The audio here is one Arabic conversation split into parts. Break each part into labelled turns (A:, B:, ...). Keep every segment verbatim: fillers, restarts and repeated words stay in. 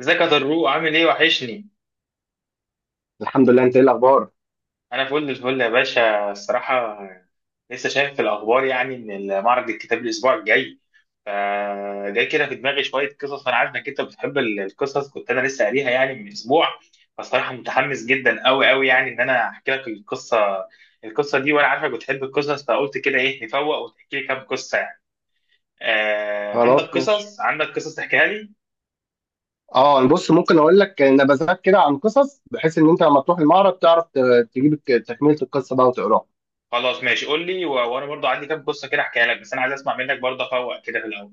A: ازيك يا ضروق، عامل ايه؟ وحشني.
B: الحمد لله، انت ايه الاخبار؟
A: انا فل الفل يا باشا، الصراحه. لسه شايف في الاخبار يعني ان معرض الكتاب الاسبوع الجاي. فجاي كده في دماغي شويه قصص. انا عارف انك انت بتحب ال- القصص، كنت انا لسه قاريها يعني من اسبوع. فالصراحه متحمس جدا قوي قوي، يعني ان انا احكي لك القصه. القصه دي وانا عارفك بتحب القصص، فقلت كده ايه نفوق وتحكي لي كام قصه يعني. آه، عندك
B: خلاص، ماشي.
A: قصص؟ عندك قصص تحكيها لي؟
B: اه، بص، ممكن اقول لك نبذات كده عن قصص، بحيث ان انت لما تروح المعرض تعرف ت- تجيب الك- تكمله القصه بقى وتقراها.
A: خلاص ماشي، قول لي، و- وانا برضو عندي كام قصه كده احكيها لك، بس انا عايز اسمع منك برضه افوق كده في الاول.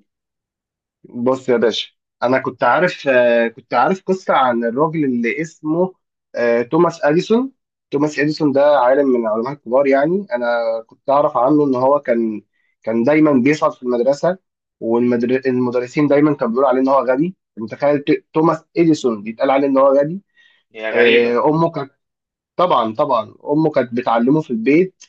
B: بص يا باشا. انا كنت عارف آه، كنت عارف قصه عن الراجل اللي اسمه آه، توماس اديسون. توماس اديسون ده عالم من العلماء الكبار، يعني انا كنت اعرف عنه ان هو كان كان دايما بيسقط في المدرسه. والمدرسين دايما كانوا بيقولوا عليه ان هو غبي. متخيل ت- توماس اديسون بيتقال عليه ان هو غبي؟
A: هي
B: آه،
A: غريبة.
B: امه، طبعا طبعا امه كانت بتعلمه في البيت.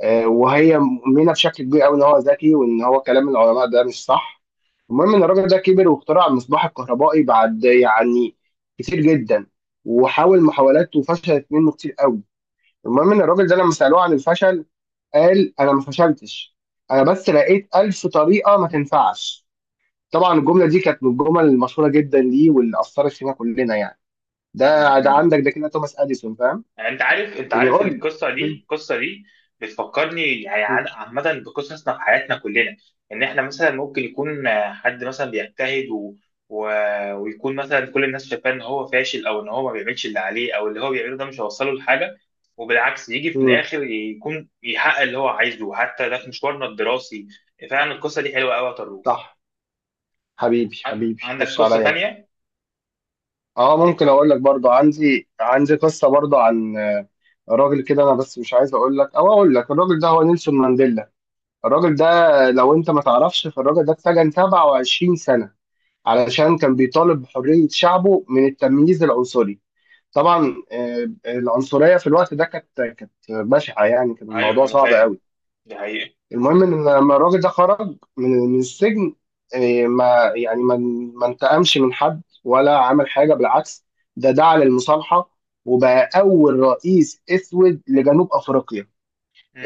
B: آه، وهي مؤمنه بشكل كبير قوي ان هو ذكي، وان هو كلام العلماء ده مش صح. المهم ان الراجل ده كبر واخترع المصباح الكهربائي بعد، يعني، كتير جدا، وحاول محاولات وفشلت منه كتير قوي. المهم ان الراجل ده لما سالوه عن الفشل قال: انا ما فشلتش، انا بس لقيت ألف طريقه ما تنفعش. طبعا الجمله دي كانت من الجمل المشهوره جدا ليه، واللي اثرت فينا كلنا يعني.
A: مم.
B: ده ده
A: مم.
B: عندك، ده كده توماس اديسون، فاهم؟
A: يعني انت عارف انت
B: يعني،
A: عارف
B: قول
A: القصة دي القصة دي بتفكرني، يعني
B: لي.
A: عن- عامة بقصصنا في حياتنا كلنا. ان احنا مثلا ممكن يكون آه، حد مثلا بيجتهد و... و... ويكون مثلا كل الناس شايفاه ان هو فاشل او ان هو ما بيعملش اللي عليه، او اللي هو بيعمله ده مش هيوصله لحاجة. وبالعكس يجي في
B: امم.
A: الاخر يكون يحقق اللي هو عايزه، حتى ده في مشوارنا الدراسي. فعلا القصة دي حلوة قوي يا طارق.
B: صح. حبيبي
A: عن-
B: حبيبي،
A: عندك
B: خش
A: قصة
B: عليا بقى.
A: تانية؟
B: اه،
A: و...
B: ممكن اقول لك برضو. عندي عندي قصه برضو عن آه، راجل كده. انا بس مش عايز اقول لك، او اقول لك الراجل ده هو نيلسون مانديلا. الراجل ده، لو انت ما تعرفش، فالراجل ده اتسجن 27 سنه علشان كان بيطالب بحريه شعبه من التمييز العنصري. طبعا آه، العنصريه في الوقت ده كانت كانت بشعه، يعني كان
A: ايوه
B: الموضوع
A: انا
B: صعب
A: فاهم،
B: قوي.
A: دي حقيقة.
B: المهم ان لما الراجل ده خرج من من السجن، إيه، ما يعني ما ما انتقمش من حد ولا عمل حاجه، بالعكس. ده دعا للمصالحه، وبقى اول رئيس اسود لجنوب افريقيا.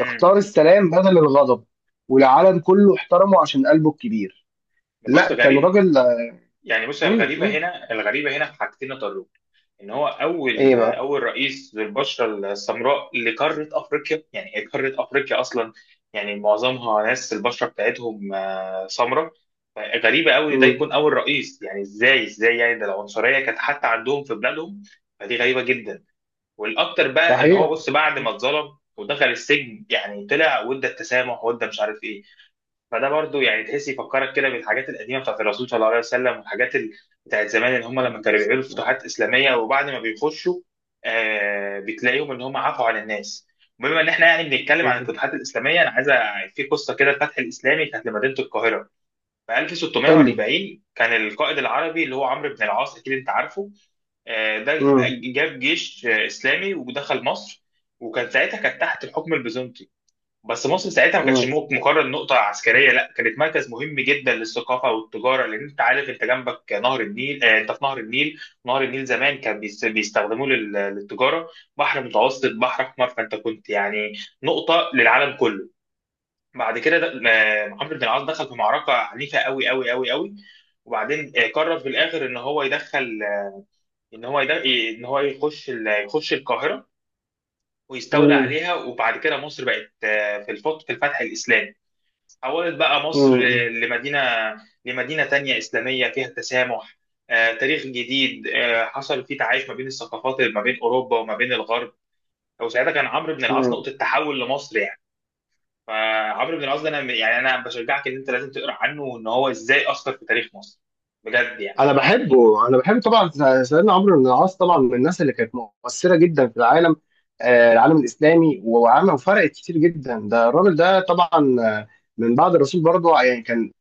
B: اختار السلام بدل الغضب، والعالم كله احترمه عشان قلبه الكبير.
A: ده بص
B: لا، كان
A: غريب.
B: راجل.
A: يعني بص،
B: مم،
A: الغريبة
B: مم.
A: هنا الغريبة هنا في حاجتين يا طارق. إن هو أول
B: ايه بقى؟
A: أول رئيس للبشرة السمراء لقارة أفريقيا، يعني هي قارة أفريقيا أصلا يعني معظمها ناس البشرة بتاعتهم آه، سمراء. فغريبة أوي ده
B: مم.
A: يكون أول رئيس، يعني إزاي إزاي يعني ده العنصرية كانت حتى عندهم في بلادهم. فدي غريبة جدا. والأكتر بقى إن هو
B: صحيح.
A: بص بعد ما اتظلم ودخل السجن، يعني طلع وادى التسامح وادى مش عارف إيه. فده برضو يعني تحس يفكرك كده بالحاجات القديمه بتاعت الرسول صلى الله عليه وسلم، والحاجات ال... بتاعت زمان ان هم لما كانوا بيعملوا فتوحات اسلاميه وبعد ما بيخشوا آه بتلاقيهم ان هم عفوا عن الناس. بما ان احنا يعني بنتكلم عن الفتوحات الاسلاميه، انا عايز أ- في قصه كده. الفتح الاسلامي كانت لمدينه القاهره في
B: قول لي.
A: ألف وستمية وأربعين. كان القائد العربي اللي هو عمرو بن العاص، اكيد انت عارفه. آه، ده
B: مم.
A: جاب جيش آه، اسلامي ودخل مصر. وكان ساعتها كانت تحت الحكم البيزنطي. بس مصر ساعتها ما كانتش
B: مم.
A: مو- مجرد نقطة عسكرية، لا كانت مركز مهم جدا للثقافة والتجارة، لأن أنت عارف أنت جنبك نهر النيل. آه، أنت في نهر النيل. نهر النيل زمان كان بيس- بيستخدموه لل- للتجارة. بحر متوسط، بحر أحمر، فأنت كنت يعني نقطة للعالم كله. بعد كده ده- آه، محمد بن العاص دخل في معركة عنيفة قوي قوي قوي قوي. وبعدين آه، قرر في الآخر إن هو يدخل. إن هو يدخل إن هو يخش ال- يخش القاهرة ويستولى
B: مم.
A: عليها. وبعد كده مصر بقت آه، في الفت- في الفتح الإسلامي. حولت بقى مصر
B: مم.
A: لمدينة لمدينة تانية إسلامية فيها تسامح، آه، تاريخ جديد آه، حصل فيه تعايش ما بين الثقافات، ما بين أوروبا وما بين الغرب. وساعتها كان عمرو بن العاص
B: مم.
A: نقطة تحول لمصر يعني. فعمرو بن العاص ده أنا يعني أنا بشجعك إن أنت لازم تقرأ عنه وإن هو إزاي أثر في تاريخ مصر، بجد يعني.
B: انا بحبه، انا بحبه طبعا. سيدنا عمرو بن العاص طبعا من الناس اللي كانت مؤثره جدا في العالم، آه، العالم الاسلامي، وعمل وفرقت كتير جدا. ده الراجل ده طبعا، آه، من بعد الرسول برضه، آه، يعني كان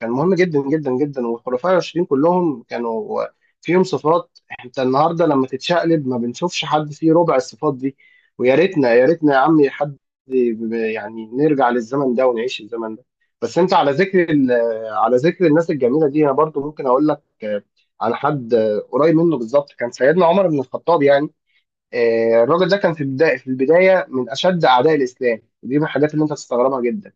B: كان مهم جدا جدا جدا. والخلفاء الراشدين كلهم كانوا فيهم صفات. انت النهارده لما تتشقلب ما بنشوفش حد فيه ربع الصفات دي. ويا ريتنا، يا ريتنا يا عمي، حد ب- يعني نرجع للزمن ده ونعيش الزمن ده. بس انت على ذكر ال- على ذكر الناس الجميله دي، انا برضو ممكن اقول لك على حد آه، قريب منه بالظبط، كان سيدنا عمر بن الخطاب يعني. آه، الراجل ده كان في البداية في البداية من أشد أعداء الإسلام. دي من الحاجات اللي أنت تستغربها جدا.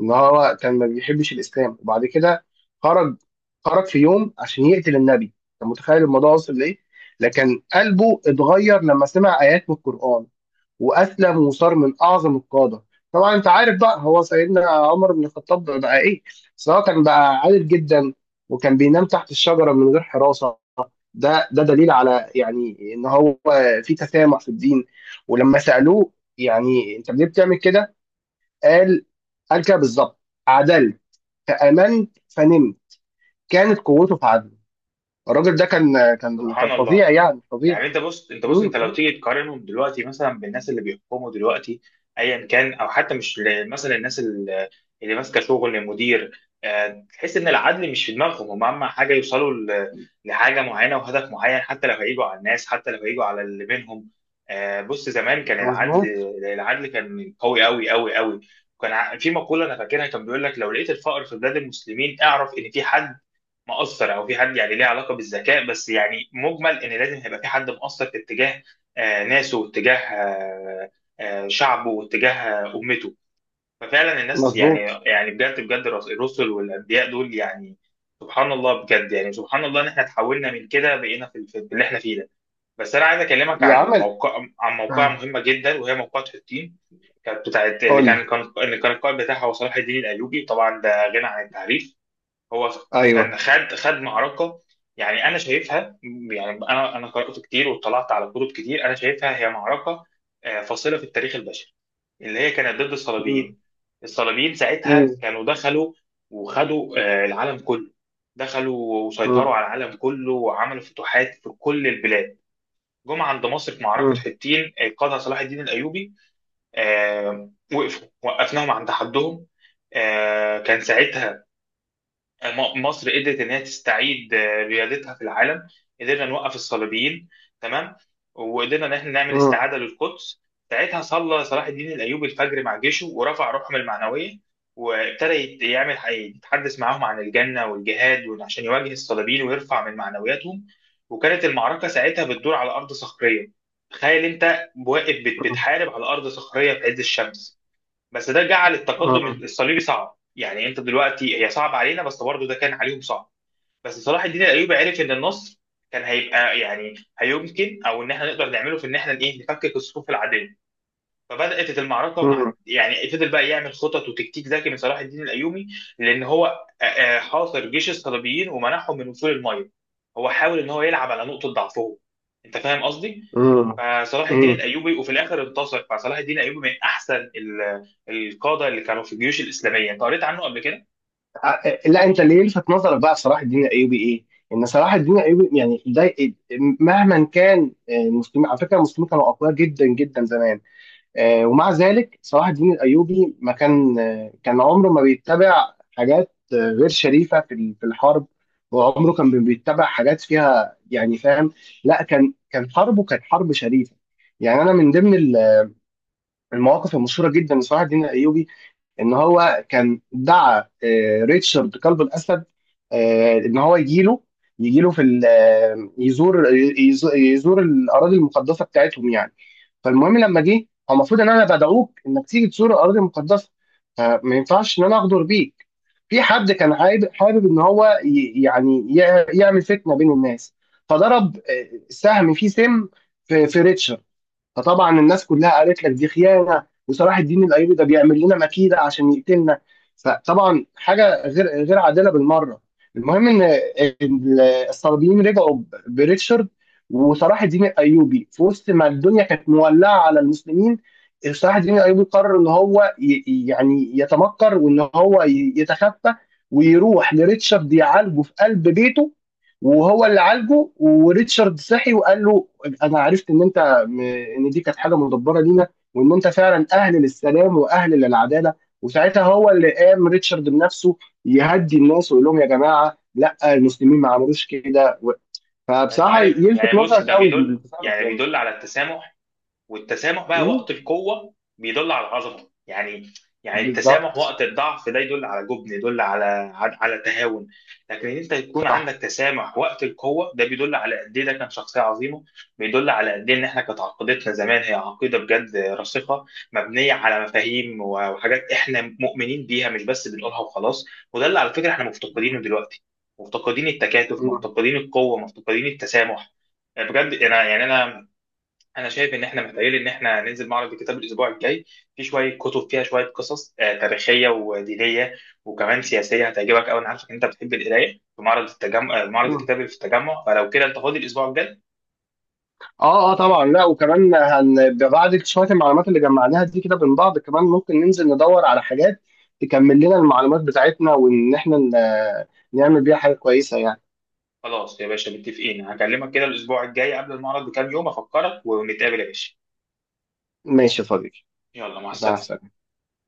B: إن هو كان ما بيحبش الإسلام، وبعد كده خرج خرج في يوم عشان يقتل النبي. أنت متخيل الموضوع وصل لإيه؟ لكن قلبه اتغير لما سمع آيات من القرآن، وأسلم وصار من أعظم القادة. طبعا أنت عارف بقى هو سيدنا عمر بن الخطاب بقى إيه؟ سواء كان بقى عادل جدا، وكان بينام تحت الشجرة من غير حراسة. ده ده دليل على، يعني، ان هو في تسامح في الدين. ولما سألوه يعني انت ليه بتعمل كده، قال قال كده بالظبط: عدلت، فآمنت، فنمت. كانت قوته في عدله. الراجل ده كان كان كان
A: سبحان
B: فظيع،
A: الله.
B: يعني فظيع.
A: يعني انت بص، انت بص انت
B: مم،
A: لو
B: مم.
A: تيجي تقارنهم دلوقتي مثلا بالناس اللي بيحكموا دلوقتي، ايا كان، او حتى مش ل- مثلا الناس اللي اللي ماسكه شغل مدير، آه، تحس ان العدل مش في دماغهم، هم اهم حاجه يوصلوا ل- لحاجه معينه وهدف معين حتى لو هيجوا على الناس، حتى لو هيجوا على اللي بينهم. آه، بص زمان كان العدل
B: مظبوط،
A: العدل كان قوي قوي قوي قوي. كان ع- في مقوله انا فاكرها، كان بيقول لك لو لقيت الفقر في بلاد المسلمين اعرف ان في حد مؤثر، او في حد يعني ليه علاقه بالذكاء، بس يعني مجمل ان لازم هيبقى في حد مؤثر في اتجاه آه، ناسه، واتجاه آه، آه، شعبه، واتجاه آه، امته. ففعلا الناس يعني.
B: مظبوط.
A: يعني بجد بجد الرس- الرسل والانبياء دول، يعني سبحان الله. بجد يعني سبحان الله ان احنا تحولنا من كده بقينا في في اللي احنا فيه ده. بس انا عايز اكلمك
B: يا
A: عن
B: عمل.
A: موقع عن موقعة
B: آه.
A: مهمه جدا، وهي موقعة حطين. كانت بتاعت اللي
B: قول
A: كان
B: لي.
A: كان اللي كان القائد بتاعها هو صلاح الدين الايوبي، طبعا ده غنى عن التعريف. هو كان
B: ايوه.
A: خد خد معركه، يعني انا شايفها. يعني انا انا قرات كتير واطلعت على كتب كتير، انا شايفها هي معركه آه، فاصله في التاريخ البشري، اللي هي كانت ضد
B: مم،
A: الصليبيين. الصليبيين ساعتها
B: مم،
A: كانوا دخلوا وخدوا آه، العالم كله، دخلوا وسيطروا
B: مم،
A: على العالم كله وعملوا فتوحات في كل البلاد. جم عند مصر في معركة
B: مم،
A: حطين قادها صلاح الدين الأيوبي. آه، وقفوا وقفناهم عند حدهم. آه، كان ساعتها م- مصر قدرت ان هي تستعيد آه، ريادتها في العالم. قدرنا نوقف الصليبيين، تمام، وقدرنا ان احنا نعمل
B: مم،
A: استعاده للقدس. ساعتها صلى صلاح الدين الايوبي الفجر مع جيشه ورفع روحهم المعنويه، وابتدى يت- يعمل ح- يتحدث معاهم عن الجنه والجهاد، وإن عشان يواجه الصليبيين ويرفع من معنوياتهم. وكانت المعركه ساعتها بتدور على ارض صخريه. تخيل انت واقف بت-
B: مم،
A: بتحارب على ارض صخريه في عز الشمس. بس ده جعل التقدم الصليبي صعب، يعني انت دلوقتي هي صعب علينا بس برضه ده كان عليهم صعب. بس صلاح الدين الايوبي عرف ان النصر كان هيبقى يعني هيمكن، او ان احنا نقدر نعمله في ان احنا ايه نفكك الصفوف العاديه. فبدات المعركه مع،
B: مم،
A: يعني، فضل بقى يعمل خطط وتكتيك ذكي من صلاح الدين الايوبي، لان هو آه، آه، حاصر جيش الصليبيين ومنعهم من وصول الميه. هو حاول ان هو يلعب على نقطه ضعفهم، انت فاهم قصدي؟
B: مم،
A: فصلاح الدين
B: مم.
A: الايوبي وفي الاخر انتصر. فصلاح الدين الايوبي من احسن ال- القاده اللي كانوا في الجيوش الاسلاميه. انت قريت عنه قبل كده؟
B: ع- لا، انت اللي يلفت نظرك بقى في صلاح الدين الايوبي ايه؟ ان صلاح الدين الايوبي يعني ده إيه؟ مهما كان، آه، المسلمين، على فكره، المسلمين كانوا اقوياء جدا جدا زمان. آه، ومع ذلك صلاح الدين الايوبي ما كان آه، كان عمره ما بيتبع حاجات آه، غير شريفه في ال- في الحرب. وعمره كان بي- بيتبع حاجات فيها، يعني، فاهم؟ لا، كان كان حربه كانت حرب شريفه. يعني انا من ضمن ال- المواقف المشهوره جدا لصلاح الدين الايوبي، ان هو كان دعا آه، ريتشارد قلب الاسد، آه، ان هو يجيله، يجيله في ال- آه، يزور يزور يزور الاراضي المقدسه بتاعتهم، يعني. فالمهم، لما جه، هو المفروض ان انا بدعوك انك تيجي تزور الاراضي المقدسه، فما ينفعش ان انا اغدر بيك. في حد كان حابب حابب ان هو ي- يعني يع- يعمل فتنه بين الناس، فضرب آه، سهم فيه سم في في ريتشارد. فطبعا الناس كلها قالت لك دي خيانه، وصلاح الدين الايوبي ده بيعمل لنا مكيده عشان يقتلنا. فطبعا حاجه غير غير عادله بالمره. المهم ان ال- الصليبيين رجعوا ب- بريتشارد. وصلاح الدين الايوبي، في وسط ما الدنيا كانت مولعه على المسلمين، صلاح الدين الايوبي قرر ان هو ي- يعني يتمكر، وان هو ي- يتخفى ويروح لريتشارد يعالجه في قلب بيته. وهو اللي عالجه، وريتشارد صحي وقال له: انا عرفت ان انت ان دي كانت حاجه مدبره لينا، وان انت فعلا اهل للسلام واهل للعداله. وساعتها هو اللي قام ريتشارد بنفسه يهدي الناس ويقول لهم: يا جماعه، لا، المسلمين ما عملوش كده و-
A: يعني انت
B: فبصراحه
A: عارف،
B: يلفت
A: يعني بص
B: نظرك
A: ده
B: قوي
A: بيدل
B: التصرف،
A: يعني
B: يعني.
A: بيدل على التسامح، والتسامح بقى
B: مم.
A: وقت القوة بيدل على العظمة يعني. يعني التسامح
B: بالظبط.
A: وقت الضعف ده يدل على جبن، يدل على، على على تهاون. لكن ان انت يكون عندك
B: صح.
A: تسامح وقت القوة ده بيدل على قد ايه ده كان شخصية عظيمة، بيدل على قد ايه ان احنا كانت عقيدتنا زمان هي عقيدة بجد راسخة، مبنية على مفاهيم وحاجات احنا مؤمنين بيها مش بس بنقولها وخلاص. وده اللي على فكرة احنا مفتقدينه
B: مم.
A: دلوقتي. مفتقدين التكاتف،
B: مم.
A: مفتقدين القوة، مفتقدين التسامح. بجد انا يعني انا انا شايف ان احنا محتاجين ان احنا ننزل معرض الكتاب الاسبوع الجاي. في شويه كتب فيها شويه قصص آه، تاريخيه ودينيه وكمان سياسيه هتعجبك قوي. انا عارفك ان انت بتحب القرايه في معرض التجمع، آه، معرض
B: مم.
A: الكتاب اللي في التجمع، فلو كده انت فاضي الاسبوع الجاي.
B: اه، اه، طبعا. لا، وكمان هن بعد شويه المعلومات اللي جمعناها دي كده من بعض، كمان ممكن ننزل ندور على حاجات تكمل لنا المعلومات بتاعتنا، وان احنا ن- نعمل بيها حاجه كويسه، يعني.
A: خلاص يا باشا، متفقين، هكلمك كده الاسبوع الجاي قبل المعرض بكام يوم افكرك ونتقابل يا باشا.
B: ماشي يا صديقي.
A: يلا، مع
B: مع
A: السلامه.
B: السلامة.